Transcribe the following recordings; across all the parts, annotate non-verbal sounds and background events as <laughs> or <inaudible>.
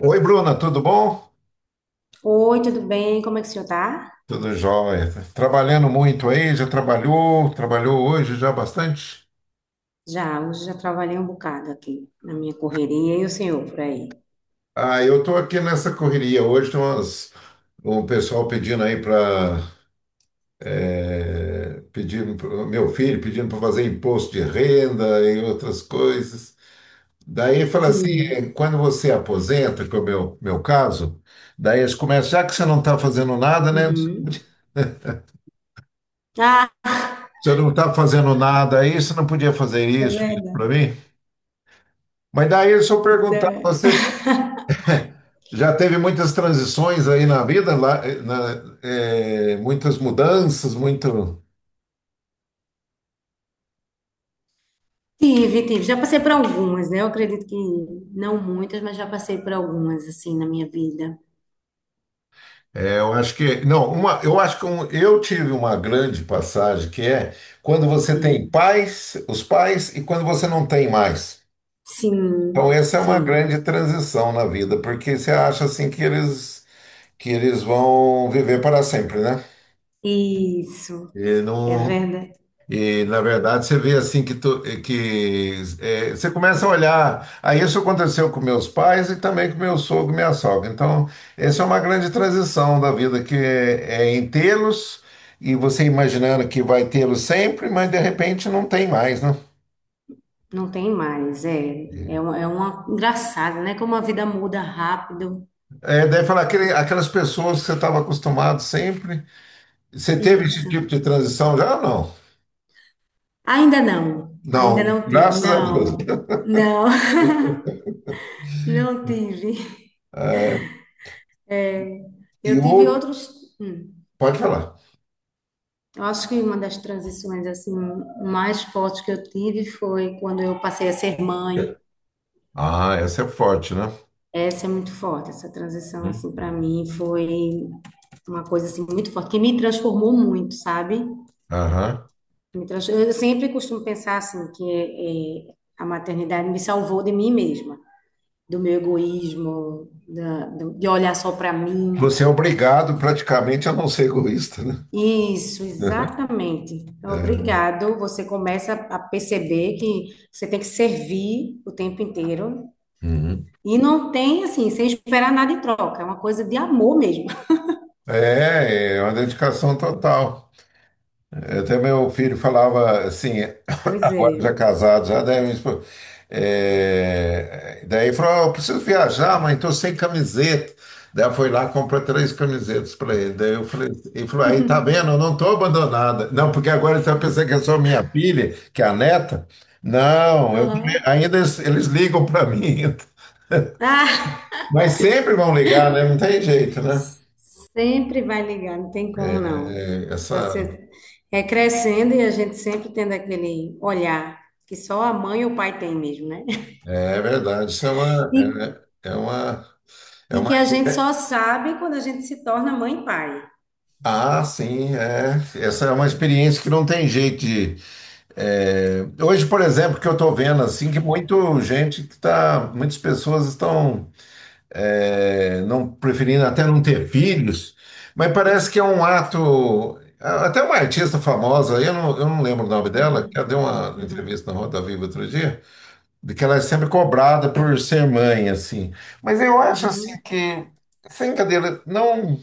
Oi, Bruna, tudo bom? Oi, tudo bem? Como é que o senhor tá? Tudo jóia. Trabalhando muito aí, trabalhou hoje já bastante? Já, hoje já trabalhei um bocado aqui na minha correria e o senhor por aí. Ah, eu tô aqui nessa correria. O pessoal pedindo aí para meu filho pedindo para fazer imposto de renda e outras coisas. Daí fala assim, Sim. quando você aposenta, que é meu caso, daí eles começam, já que você não está fazendo nada, né? Uhum. Você não está fazendo nada aí, você não podia fazer É isso para verdade. mim? Mas daí deixa eu perguntar, Então. você <laughs> já teve muitas transições aí na vida, lá, muitas mudanças, muito. Tive, tive. Já passei por algumas, né? Eu acredito que não muitas, mas já passei por algumas, assim, na minha vida. Eh, eu acho que não, uma, eu acho que eu tive uma grande passagem que é quando você tem Uhum. pais, os pais, e quando você não tem mais. Sim. Então essa é uma Sim, grande transição na vida, porque você acha assim que eles vão viver para sempre, né? isso, E é não. verdade. E, na verdade, você vê assim que é, você começa a olhar. Aí isso aconteceu com meus pais e também com meu sogro e minha sogra. Então, essa é uma grande transição da vida, que é em tê-los, e você imaginando que vai tê-los sempre, mas de repente não tem mais, né? Não tem mais, é, é, é uma engraçada, né? Como a vida muda rápido. É, daí aquelas pessoas que você estava acostumado sempre. Você teve esse Isso. tipo de transição já ou não? Ainda Não, não tive. graças a Deus. Não, não, <laughs> não tive. É, e Eu tive o. outros. Pode falar. Eu acho que uma das transições assim mais fortes que eu tive foi quando eu passei a ser mãe. Ah, essa é forte, né? Essa é muito forte. Essa transição assim para mim foi uma coisa assim muito forte que me transformou muito, sabe? Aham. Eu sempre costumo pensar assim que a maternidade me salvou de mim mesma, do meu egoísmo, de olhar só para mim. Você é obrigado praticamente a não ser egoísta, né? Isso, <laughs> exatamente. Então, É. obrigado. Você começa a perceber que você tem que servir o tempo inteiro Uhum. e não tem assim, sem esperar nada em troca. É uma coisa de amor mesmo. <laughs> É, é uma dedicação total. Até meu filho falava assim, <coughs> <laughs> Pois agora é. já casado, já daí, minha esposa- é, daí ele falou: "Ah, eu preciso viajar, mãe, tô sem camiseta." Daí ela foi lá e comprou três camisetas para ele. Daí eu falei, ele falou, aí tá vendo, eu não tô abandonada. Não, porque agora ele está pensando que é só minha filha, que é a neta. Não, eu também- Aham. ainda eles ligam para mim. <laughs> Ah, Mas sempre vão ligar, né? Não tem jeito, né? sempre vai ligar, não tem como não. É, é, essa, Você é crescendo e a gente sempre tendo aquele olhar que só a mãe ou o pai tem mesmo, né? <laughs> é é verdade. Isso E, é uma, é e uma. que a gente só sabe quando a gente se torna mãe e pai. Ah, sim, é. Essa é uma experiência que não tem jeito de. É, Hoje, por exemplo, que eu estou vendo assim que muito gente muitas pessoas estão não preferindo até não ter filhos, mas parece que é um ato. Até uma artista famosa, eu não lembro o nome dela, que ela Uhum, deu uma uhum, entrevista na Roda Viva outro dia, de que ela é sempre cobrada por ser mãe, assim. Mas eu acho assim uhum, que, sem cadeira,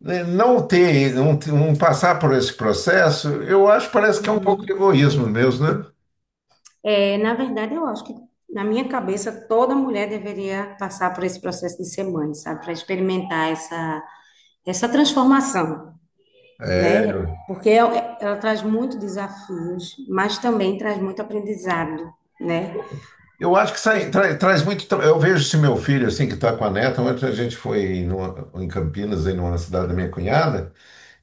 né, não passar por esse processo, eu acho que parece que é um pouco de uhum. egoísmo mesmo, né? É, na verdade, eu acho que na minha cabeça toda mulher deveria passar por esse processo de ser mãe, sabe? Para experimentar essa, essa transformação, É, né? Porque ela traz muito desafios, mas também traz muito aprendizado, né? eu acho que sai, traz muito. Eu vejo esse meu filho assim que está com a neta. Ontem a gente foi em Campinas, em uma cidade da minha cunhada.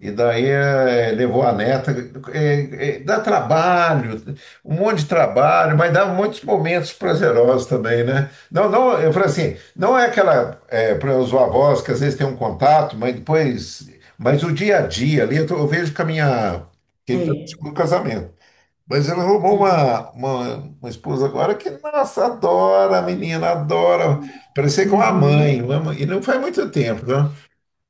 E daí levou a neta. Dá trabalho, um monte de trabalho, mas dá muitos momentos prazerosos também, né? Não, não, eu falo assim, não é aquela, para os avós que às vezes tem um contato, mas depois. Mas o dia a dia ali, eu vejo que a minha. Que ele tá no É. segundo casamento. Mas ela arrumou Uhum, uma esposa agora que, nossa, adora a menina, adora. Parecia com a mãe, uma mãe- e não faz muito tempo, né?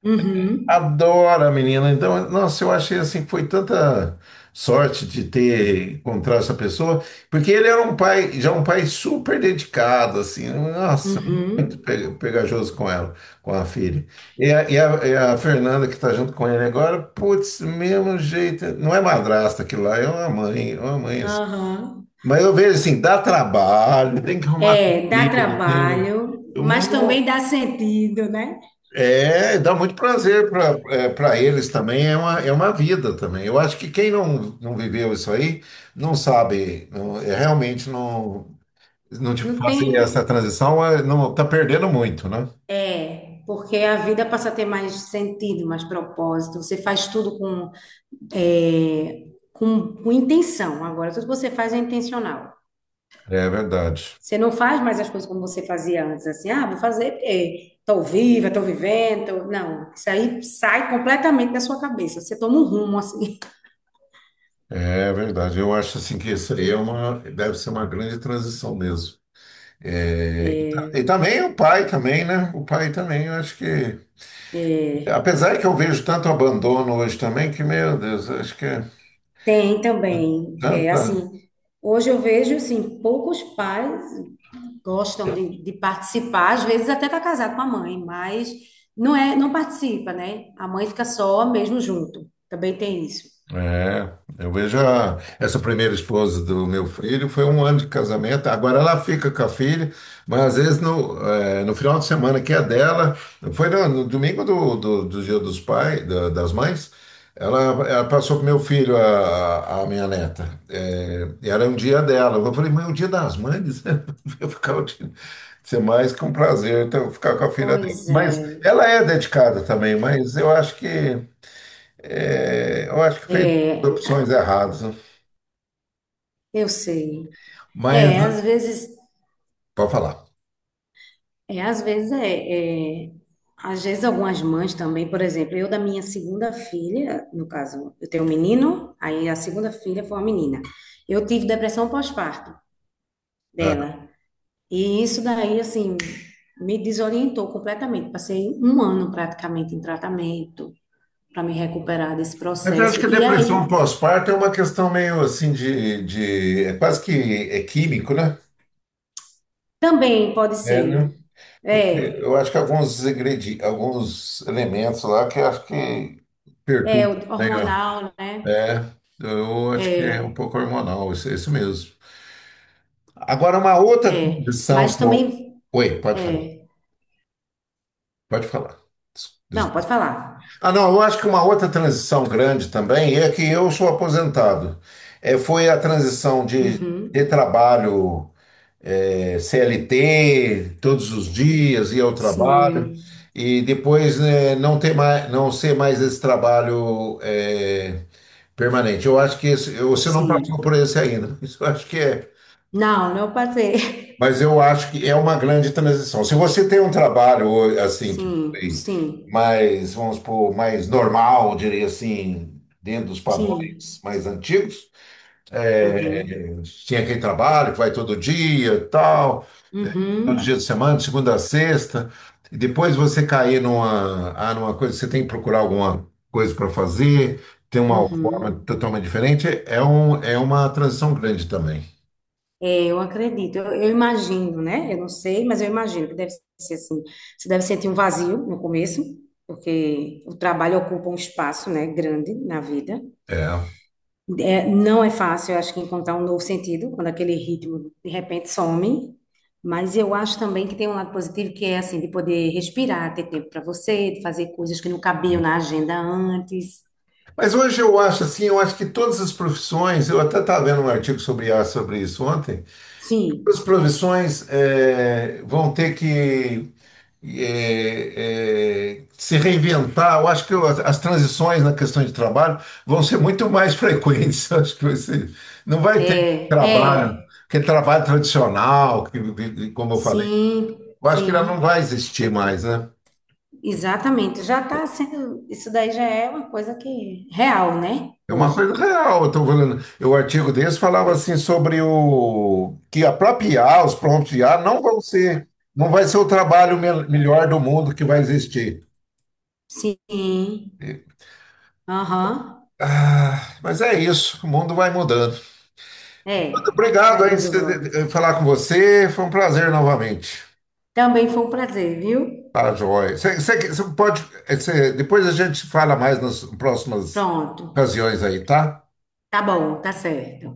uhum, Adora a menina. Então, nossa, eu achei assim, foi tanta sorte de ter encontrado essa pessoa, porque ele era um pai, já um pai super dedicado, assim, nossa, muito uhum, pegajoso com ela, com a filha. E a Fernanda, que está junto com ele agora, putz, mesmo jeito, não é madrasta aquilo lá, é uma mãe assim. aham. Mas eu vejo assim, dá trabalho, tem que arrumar É, dá comida, tem. trabalho, mas também dá sentido, né? É, dá muito prazer para pra eles também, é é uma vida também. Eu acho que quem não viveu isso aí não sabe, é, realmente não, não te Não fazer essa tem. transição, é, não tá perdendo muito, né? É, porque a vida passa a ter mais sentido, mais propósito. Você faz tudo com, é, com intenção. Agora, tudo que você faz é intencional. É verdade, Você não faz mais as coisas como você fazia antes, assim, ah, vou fazer porque estou viva, estou vivendo. Não, isso aí sai completamente da sua cabeça. Você toma um rumo, assim. <laughs> é verdade. Eu acho assim que isso aí é uma, deve ser uma grande transição mesmo. É, e, e também o pai também, né? O pai também, eu acho que, É, apesar que eu vejo tanto abandono hoje também, que, meu Deus, eu acho que é tem também, é, tanta. assim, hoje eu vejo, assim, poucos pais gostam de participar, às vezes até tá casado com a mãe, mas não é, não participa, né? A mãe fica só mesmo junto. Também tem isso. É, eu vejo essa primeira esposa do meu filho, foi um ano de casamento, agora ela fica com a filha, mas às vezes no final de semana que é dela, foi no domingo do Dia dos Pais, das Mães, ela, ela passou pro meu filho, a minha neta. Eh, era um dia dela, eu falei, mas é o Dia das Mães, <laughs> eu ficar o dia... Ser mais que um prazer então, ficar com a filha dele. Pois Mas é, ela é dedicada também, mas eu acho que é, eu acho que fez é, opções erradas, né? eu sei. Mas, É, às vezes, pode falar. é, às vezes é, é. Às vezes algumas mães também, por exemplo, eu da minha segunda filha, no caso, eu tenho um menino, aí a segunda filha foi uma menina. Eu tive depressão pós-parto Ah. dela. E isso daí, assim, me desorientou completamente. Passei um ano praticamente em tratamento para me recuperar desse Mas eu acho processo. que a E aí depressão pós-parto é uma questão meio assim é quase que é químico, né? também pode É, ser, né? Porque é, eu acho que alguns ingredientes, alguns elementos lá que eu acho que é o perturbam meio. hormonal, né? É, eu acho que é um É, pouco hormonal, isso mesmo. Agora, uma outra é, condição mas que eu... também, Oi, pode falar. é, Pode falar. Des- não, pode falar. Ah, não, eu acho que uma outra transição grande também é que eu sou aposentado. É, foi a transição de Uhum. ter trabalho CLT todos os dias, ir ao trabalho, Sim, e depois né, não ter mais, não ser mais esse trabalho permanente. Eu acho que você não passou por sim. esse ainda. <laughs> Isso eu acho que é, Não, não passei. <laughs> mas eu acho que é uma grande transição. Se você tem um trabalho assim que Sim, foi sim, mais, vamos supor, mais normal, diria assim, dentro dos padrões sim. mais antigos, Uhum, tinha aquele trabalho que vai todo dia, e tal, todo dia de uhum, semana, de segunda a sexta, e depois você cair numa, ah, numa coisa, você tem que procurar alguma coisa para fazer, tem uma forma uhum. totalmente diferente, é é uma transição grande também. Eu acredito, eu imagino, né? Eu não sei, mas eu imagino que deve ser assim. Você deve sentir um vazio no começo, porque o trabalho ocupa um espaço, né, grande na vida. É. É, não é fácil, eu acho que encontrar um novo sentido quando aquele ritmo de repente some. Mas eu acho também que tem um lado positivo que é assim de poder respirar, ter tempo para você, de fazer coisas que não cabiam na agenda antes. Mas hoje eu acho assim, eu acho que todas as profissões, eu até estava lendo um artigo sobre IA sobre isso ontem, Sim, todas as profissões vão ter que se reinventar. Eu acho que as transições na questão de trabalho vão ser muito mais frequentes. <laughs> Eu acho que você não vai ter é, trabalho, é, que é trabalho tradicional, que, como eu falei, sim, eu acho que ela não sim. vai existir mais, né? Exatamente, já está sendo, isso daí já é uma coisa que é real, né? É uma coisa Hoje. real, eu estou falando. O artigo desse falava assim sobre o que a própria IA, os prompts de IA não vão ser, não vai ser o trabalho melhor do mundo que vai existir. Sim, aham, Ah, mas é isso, o mundo vai mudando. é, Obrigado vai aí dando de voltas. falar com você, foi um prazer novamente. Também foi um prazer, viu? Tá, joia. Você pode, você- depois a gente fala mais nas próximas Pronto, ocasiões aí, tá? tá bom, tá certo.